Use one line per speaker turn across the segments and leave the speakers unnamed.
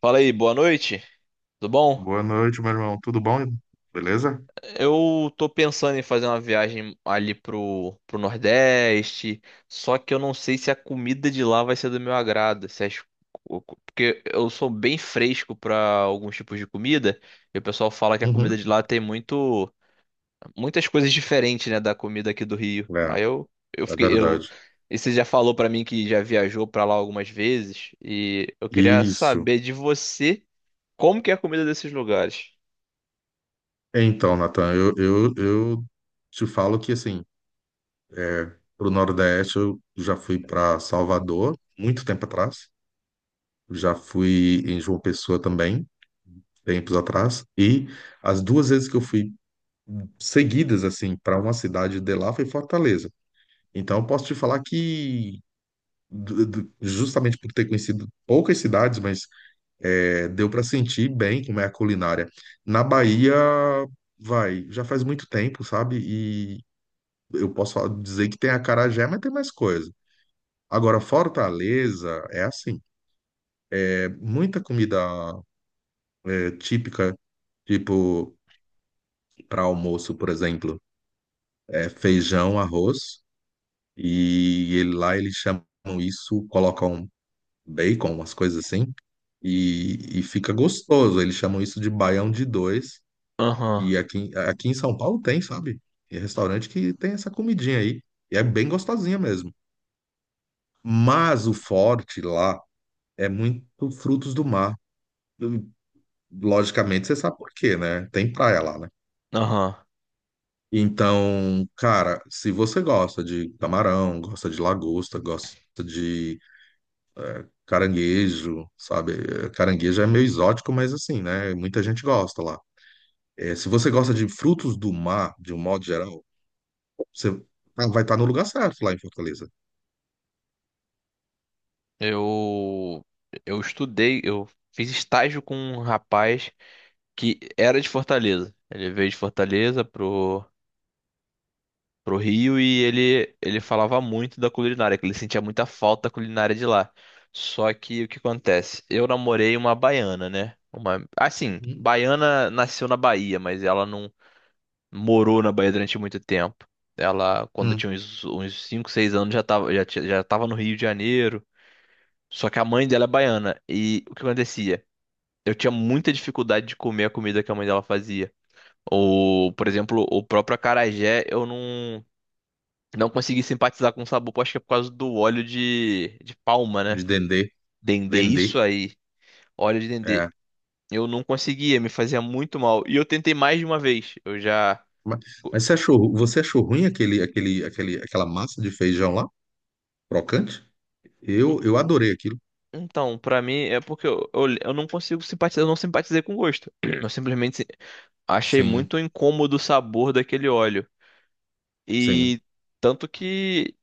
Fala aí, boa noite. Tudo bom?
Boa noite, meu irmão. Tudo bom? Beleza?
Eu tô pensando em fazer uma viagem ali pro Nordeste, só que eu não sei se a comida de lá vai ser do meu agrado. Se as- Porque eu sou bem fresco pra alguns tipos de comida, e o pessoal fala que a comida
Uhum.
de lá tem muitas coisas diferentes, né, da comida aqui do Rio.
É,
Aí eu
é
fiquei, eu,
verdade.
E você já falou pra mim que já viajou pra lá algumas vezes, e eu queria
Isso.
saber de você como que é a comida desses lugares.
Então, Natan, eu te falo que, assim, pro Nordeste eu já fui para Salvador, muito tempo atrás. Já fui em João Pessoa também, tempos atrás. E as duas vezes que eu fui seguidas, assim, para uma cidade de lá foi Fortaleza. Então, eu posso te falar que, justamente por ter conhecido poucas cidades, mas é, deu para sentir bem como é a culinária. Na Bahia, vai, já faz muito tempo, sabe? E eu posso falar- dizer que tem acarajé, mas tem mais coisa. Agora, Fortaleza é assim, é muita comida é, típica, tipo para almoço, por exemplo, é feijão, arroz, e ele- lá eles chamam isso, colocam bacon, umas coisas assim, e fica gostoso. Eles chamam isso de baião de dois.
Aham.
Que aqui, aqui em São Paulo tem, sabe? É restaurante que tem essa comidinha aí. E é bem gostosinha mesmo. Mas o forte lá é muito frutos do mar. Logicamente, você sabe por quê, né? Tem praia lá, né?
Aham.
Então, cara, se você gosta de camarão, gosta de lagosta, gosta de caranguejo, sabe? Caranguejo é meio exótico, mas assim, né? Muita gente gosta lá. É, se você gosta de frutos do mar, de um modo geral, você tá- vai estar no lugar certo lá em Fortaleza.
Eu eu estudei, eu fiz estágio com um rapaz que era de Fortaleza. Ele veio de Fortaleza pro Rio e ele falava muito da culinária, que ele sentia muita falta da culinária de lá. Só que o que acontece? Eu namorei uma baiana, né? Uma assim,
Uhum.
baiana nasceu na Bahia, mas ela não morou na Bahia durante muito tempo. Ela, quando eu
Hum,
tinha uns 5, 6 anos, já tava no Rio de Janeiro. Só que a mãe dela é baiana. E o que acontecia? Eu tinha muita dificuldade de comer a comida que a mãe dela fazia. Ou, por exemplo, o próprio acarajé, eu não, não consegui simpatizar com o sabor. Acho que é por causa do óleo de palma,
de
né?
dendê.
Dendê,
Dendê.
isso aí. Óleo de dendê.
É.
Eu não conseguia, me fazia muito mal. E eu tentei mais de uma vez. Eu já.
Mas, mas você achou ruim aquele, aquele, aquele, aquela massa de feijão lá? Crocante? Eu adorei aquilo.
Então, pra mim, é porque eu não consigo simpatizar, eu não simpatizei com o gosto. Eu simplesmente achei
Sim,
muito incômodo o sabor daquele óleo.
sim.
E tanto que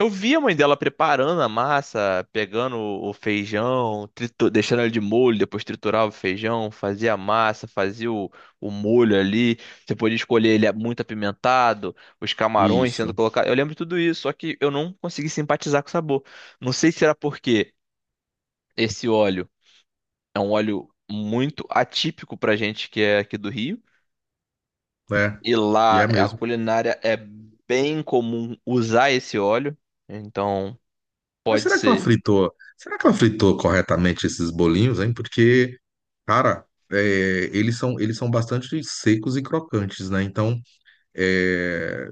eu vi a mãe dela preparando a massa, pegando o feijão, deixando ele de molho, depois triturava o feijão, fazia a massa, fazia o molho ali. Você podia escolher ele muito apimentado, os camarões sendo
Isso.
colocados. Eu lembro de tudo isso, só que eu não consegui simpatizar com o sabor. Não sei se era porque esse óleo é um óleo muito atípico pra gente que é aqui do Rio.
É.
E
E
lá
é
a
mesmo.
culinária é bem comum usar esse óleo, então
Mas
pode
será que ela
ser.
fritou? Será que ela fritou corretamente esses bolinhos, hein? Porque, cara, é, eles são bastante secos e crocantes, né? Então, é,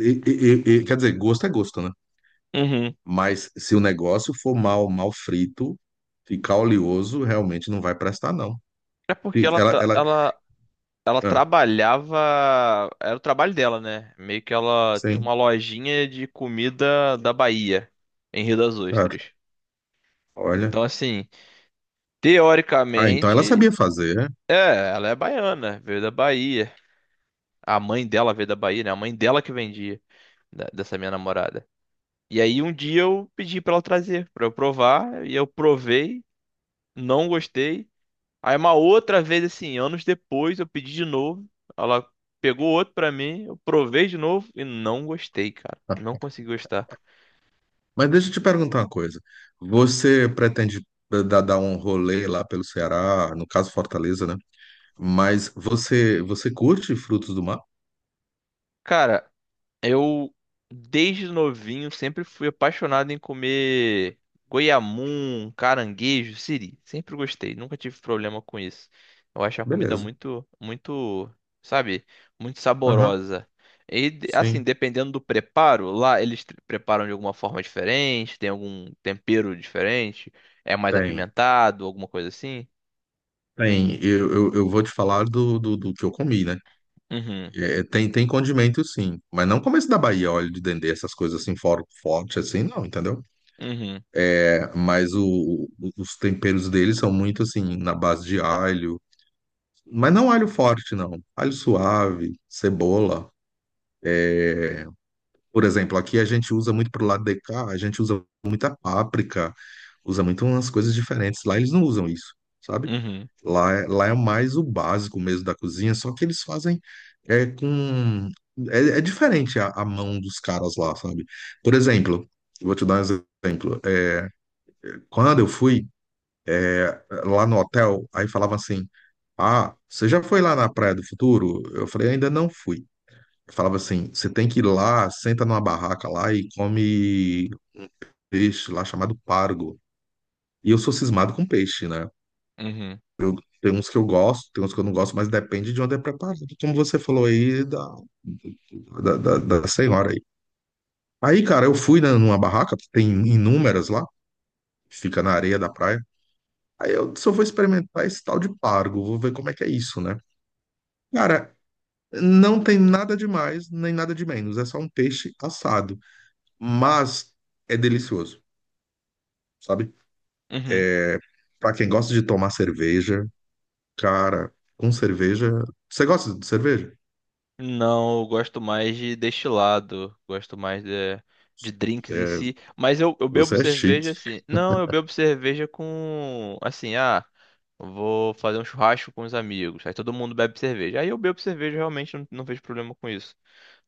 quer dizer, gosto é gosto, né?
Uhum.
Mas se o negócio for mal, mal frito, ficar oleoso, realmente não vai prestar, não.
É porque
Fica-
ela, tra- ela, ela
Ah,
trabalhava, era o trabalho dela, né? Meio que ela tinha
sim,
uma lojinha de comida da Bahia, em Rio das
certo.
Ostras. Então,
Olha.
assim,
Ah, então ela
teoricamente,
sabia fazer, né?
é, ela é baiana, veio da Bahia. A mãe dela veio da Bahia, né? A mãe dela que vendia, dessa minha namorada. E aí um dia eu pedi pra ela trazer, pra eu provar, e eu provei, não gostei. Aí uma outra vez assim, anos depois, eu pedi de novo, ela pegou outro pra mim, eu provei de novo e não gostei, cara. Não consegui gostar.
Mas deixa eu te perguntar uma coisa. Você pretende dar, dar um rolê lá pelo Ceará, no caso Fortaleza, né? Mas você, você curte frutos do mar?
Cara, eu, desde novinho, sempre fui apaixonado em comer goiamum, caranguejo, siri. Sempre gostei, nunca tive problema com isso. Eu acho a comida
Beleza.
muito, muito, sabe, muito
Aham,
saborosa. E, assim,
sim.
dependendo do preparo, lá eles preparam de alguma forma diferente, tem algum tempero diferente, é mais
Tem.
apimentado, alguma coisa assim.
Tem. Eu vou te falar do, do, do que eu comi, né?
Uhum,
É, tem, tem condimento sim, mas não como esse da Bahia, óleo de dendê, essas coisas assim, fora, forte assim, não, entendeu?
uhum,
É, mas o- os temperos deles são muito assim, na base de alho, mas não alho forte, não. Alho suave, cebola. Por exemplo, aqui a gente usa muito pro lado de cá, a gente usa muita páprica, usa muito umas coisas diferentes. Lá eles não usam isso, sabe?
uhum,
Lá é mais o básico mesmo da cozinha, só que eles fazem é, com. É, é diferente a mão dos caras lá, sabe? Por exemplo, eu vou te dar um exemplo. É, quando eu fui é, lá no hotel, aí falava assim: Ah, você já foi lá na Praia do Futuro? Eu falei: Ainda não fui. Falava assim: Você tem que ir lá, senta numa barraca lá e come peixe lá chamado pargo. E eu sou cismado com peixe, né?
uhum,
Eu, tem uns que eu gosto, tem uns que eu não gosto, mas depende de onde é preparado, como você falou aí da, da senhora aí. Aí, cara, eu fui, né, numa barraca, tem inúmeras lá, fica na areia da praia. Aí eu só vou experimentar esse tal de pargo, vou ver como é que é isso, né? Cara, não tem nada de mais, nem nada de menos, é só um peixe assado, mas é delicioso, sabe?
uhum, uhum.
Pra quem gosta de tomar cerveja, cara, com cerveja. Você gosta de cerveja?
Não, eu gosto mais de destilado, gosto mais de drinks em
É,
si, mas eu bebo
você é
cerveja
chique.
assim. Não, eu bebo cerveja com assim, ah, vou fazer um churrasco com os amigos. Aí todo mundo bebe cerveja. Aí eu bebo cerveja, realmente não vejo problema com isso.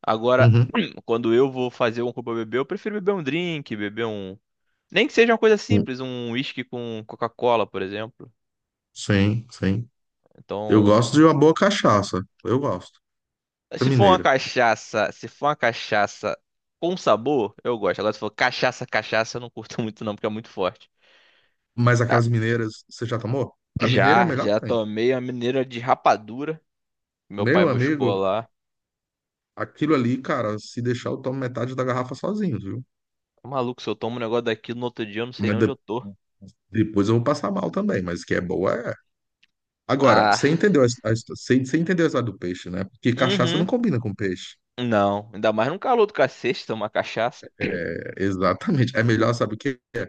Agora,
Uhum.
quando eu vou fazer um copo pra beber, eu prefiro beber um drink, beber um, nem que seja uma coisa simples, um whisky com Coca-Cola, por exemplo.
Sim, sim. Eu
Então,
gosto de uma boa cachaça. Eu gosto. Da
Se for uma
Mineira.
cachaça, se for uma cachaça com sabor, eu gosto. Agora, se for cachaça, cachaça, eu não curto muito não, porque é muito forte.
Mas
Ah,
aquelas mineiras, você já tomou? A mineira é a
Já,
melhor que
já
tem.
tomei a mineira de rapadura. Meu pai
Meu
buscou
amigo,
lá.
aquilo ali, cara, se deixar eu tomo metade da garrafa sozinho, viu?
Maluco, se eu tomo um negócio daqui no outro dia, eu não sei
Mas
nem onde eu tô.
depois eu vou passar mal também, mas que é boa é. Agora,
Ah,
você entendeu a, você, você entendeu a história do peixe, né? Porque cachaça não
uhum.
combina com peixe.
Não, ainda mais num calor do cacete tomar cachaça.
É, exatamente. É melhor, sabe o que é?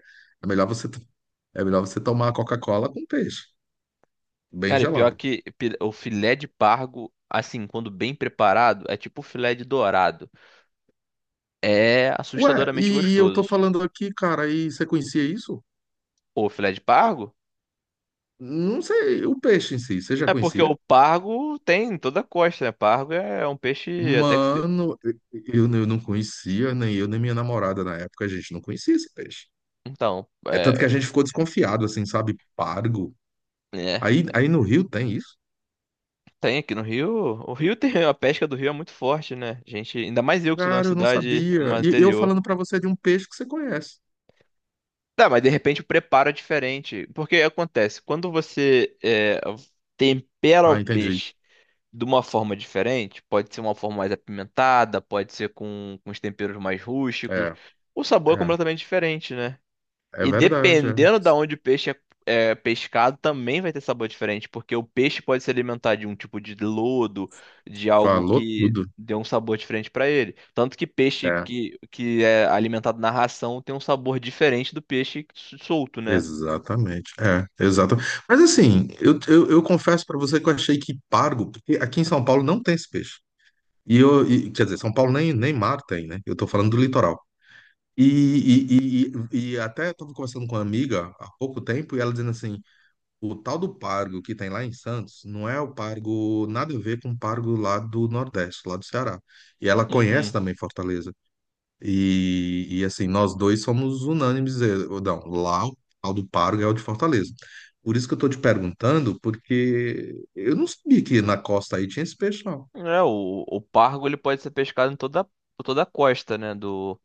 É melhor você, é melhor você tomar a Coca-Cola com peixe, bem
Cara, e pior
gelada.
que o filé de pargo, assim, quando bem preparado, é tipo o filé de dourado. É
Ué,
assustadoramente
e eu tô
gostoso.
falando aqui, cara, e você conhecia isso?
O filé de pargo?
Não sei, o peixe em si, você já
É porque
conhecia?
o pargo tem em toda a costa, né? Pargo é um peixe até que.
Mano, eu não conhecia, nem eu, nem minha namorada na época, a gente não conhecia esse peixe.
Então,
É tanto que a gente ficou desconfiado, assim, sabe? Pargo.
é,
Aí no Rio tem isso?
tem aqui no Rio. O Rio tem. A pesca do Rio é muito forte, né? Gente, ainda mais eu que sou de uma
Cara, eu não
cidade
sabia.
mais
E eu
interior.
falando pra você de um peixe que você conhece.
Tá, mas de repente o preparo é diferente. Porque acontece, quando você tempera o
Ah, entendi.
peixe de uma forma diferente, pode ser uma forma mais apimentada, pode ser com os temperos mais rústicos,
É,
o sabor é
é,
completamente diferente, né?
é
E
verdade, é.
dependendo da onde o peixe é pescado, também vai ter sabor diferente, porque o peixe pode se alimentar de um tipo de lodo, de algo
Falou
que
tudo.
dê um sabor diferente para ele. Tanto que peixe
É.
que é alimentado na ração tem um sabor diferente do peixe solto, né?
Exatamente, é, exato. Mas assim, eu confesso para você que eu achei que pargo, porque aqui em São Paulo não tem esse peixe. E eu, e- quer dizer, São Paulo nem, nem mar tem, né? Eu tô falando do litoral. E, e até estava conversando com uma amiga há pouco tempo e ela dizendo assim: o tal do pargo que tem lá em Santos não é o pargo, nada a ver com o pargo lá do Nordeste, lá do Ceará. E ela conhece
Uhum.
também Fortaleza. E, assim, nós dois somos unânimes, não, lá o tal do Paro ganhou de Fortaleza. Por isso que eu estou te perguntando, porque eu não sabia que na costa aí tinha esse peixe, não.
É, o pargo ele pode ser pescado em toda, por toda a costa, né, do,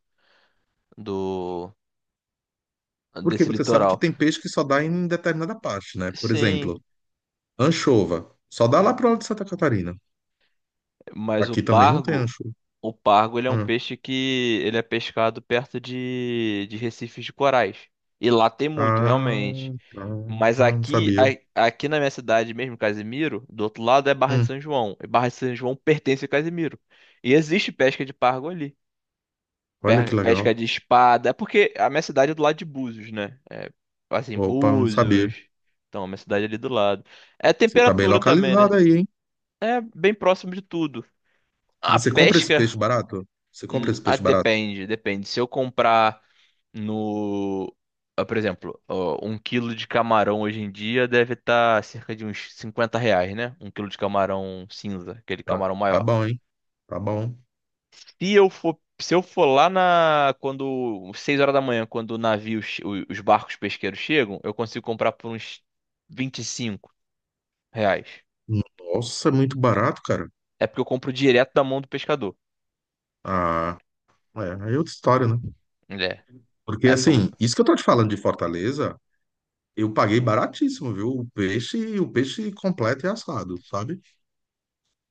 do
Porque
desse
você sabe que
litoral.
tem peixe que só dá em determinada parte, né? Por
Sim,
exemplo, anchova, só dá lá pro lado de Santa Catarina.
mas o
Aqui também não tem
pargo
anchova.
O pargo, ele é um
Hum.
peixe que ele é pescado perto de recifes de corais. E lá tem muito,
Ah,
realmente.
tá.
Mas
Ah, não
aqui,
sabia.
aqui na minha cidade mesmo, Casimiro, do outro lado é Barra de
Hum,
São João. E Barra de São João pertence a Casimiro. E existe pesca de pargo ali.
olha que legal.
Pesca de espada. É porque a minha cidade é do lado de Búzios, né? É, assim,
Opa, não sabia.
Búzios. Então, a minha cidade é ali do lado. É
Você tá bem
temperatura também, né?
localizado aí, hein?
É bem próximo de tudo. A
Você compra esse
pesca.
peixe barato? Você compra esse
Ah,
peixe barato?
depende, depende. Se eu comprar no, ah, por exemplo, ó, um quilo de camarão hoje em dia deve estar cerca de uns 50 reais, né? Um quilo de camarão cinza, aquele
Tá,
camarão
tá
maior.
bom, hein? Tá bom.
Se eu for, se eu for lá na, quando, 6 horas da manhã, quando o navio, os barcos pesqueiros chegam, eu consigo comprar por uns 25 reais.
Nossa, é muito barato, cara.
É porque eu compro direto da mão do pescador.
Ah, é, aí é outra história, né?
É,
Porque
aí fica
assim,
muito.
isso que eu tô te falando de Fortaleza, eu paguei baratíssimo, viu? O peixe completo e assado, sabe?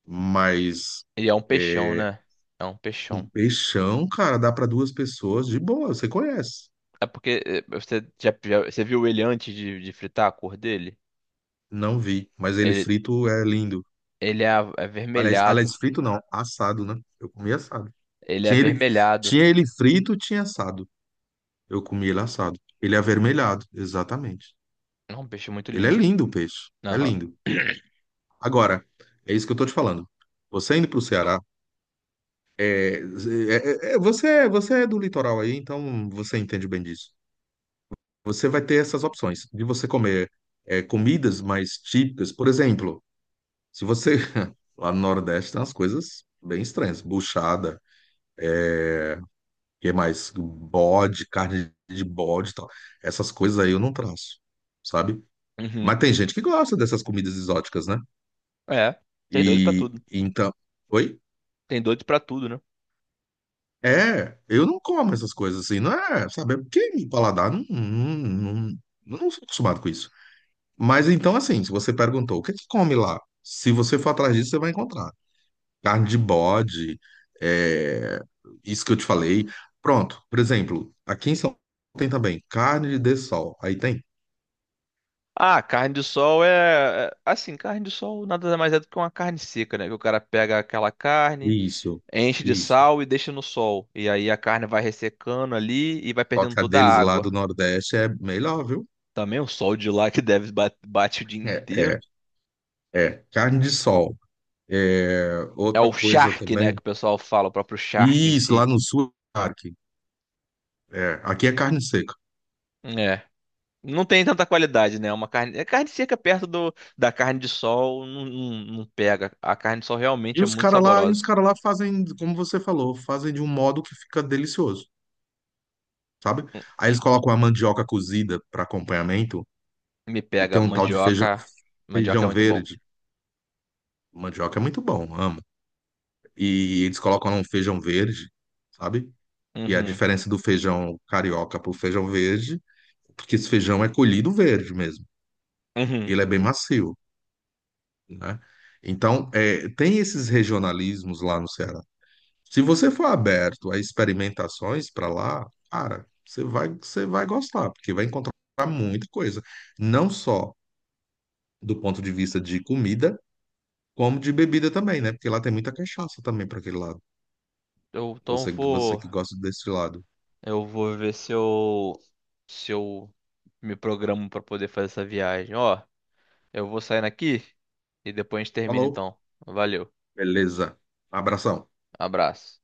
Mas
E é um peixão,
é,
né? É um
um
peixão.
peixão, cara, dá pra duas pessoas de boa, você conhece.
É porque você viu ele antes de fritar a cor dele?
Não vi, mas ele
Ele,
frito é lindo.
ele é
Aliás,
avermelhado.
aliás, frito não, assado, né? Eu comi assado.
Ele é
Tinha ele,
avermelhado.
tinha ele frito, tinha assado. Eu comi ele assado. Ele é avermelhado, exatamente.
É um peixe muito
Ele é
lindo.
lindo, o peixe. É
Aham.
lindo. Agora, é isso que eu tô te falando. Você indo pro Ceará, você, você é do litoral aí, então você entende bem disso. Você vai ter essas opções de você comer é, comidas mais típicas. Por exemplo, se você. Lá no Nordeste tem umas coisas bem estranhas. Buchada, o que é mais? Bode, carne de bode e tal. Essas coisas aí eu não traço, sabe?
Uhum.
Mas tem gente que gosta dessas comidas exóticas, né?
É. Tem doido pra
E
tudo.
então. Oi?
Tem doido pra tudo, né?
É, eu não como essas coisas assim, não é, sabe? É porque meu paladar não, não, não, não sou acostumado com isso. Mas então, assim, se você perguntou o que é que come lá, se você for atrás disso, você vai encontrar. Carne de bode, é, isso que eu te falei. Pronto, por exemplo, aqui em São Paulo tem também carne de sol. Aí tem?
Ah, carne de sol assim, carne de sol nada mais é do que uma carne seca, né? Que o cara pega aquela carne,
Isso,
enche de
isso.
sal e deixa no sol. E aí a carne vai ressecando ali e vai
Só
perdendo
que a
toda
deles
a
lá
água.
do Nordeste é melhor, viu?
Também o sol de lá que deve bate o dia
É, é
inteiro.
É, carne de sol. É,
É o
outra coisa
charque, né, que
também.
o pessoal fala, o próprio charque em
Isso, lá
si.
no sul, aqui. É, aqui é carne seca.
É. Não tem tanta qualidade, né? É uma carne, é carne seca perto do, da carne de sol, não, não, não pega. A carne de sol
E
realmente é
os
muito
caras lá, e os
saborosa.
cara lá fazem, como você falou, fazem de um modo que fica delicioso, sabe?
Hum,
Aí eles colocam a mandioca cozida para acompanhamento
Me
e
pega.
tem um tal de feijão,
Mandioca, mandioca é
feijão
muito bom.
verde. Mandioca é muito bom, amo. E eles colocam lá um feijão verde, sabe? E a
Uhum,
diferença do feijão carioca pro feijão verde, porque esse feijão é colhido verde mesmo.
uhum.
Ele é bem macio. Né? Então, é, tem esses regionalismos lá no Ceará. Se você for aberto a experimentações para lá, cara, você vai gostar, porque vai encontrar muita coisa, não só do ponto de vista de comida, como de bebida também, né? Porque lá tem muita cachaça também para aquele lado.
Eu, então eu
Você, você
vou,
que gosta desse lado.
eu vou ver se eu me programo pra poder fazer essa viagem. Ó, eu vou saindo aqui e depois a gente termina
Falou?
então. Valeu.
Beleza. Abração.
Abraço.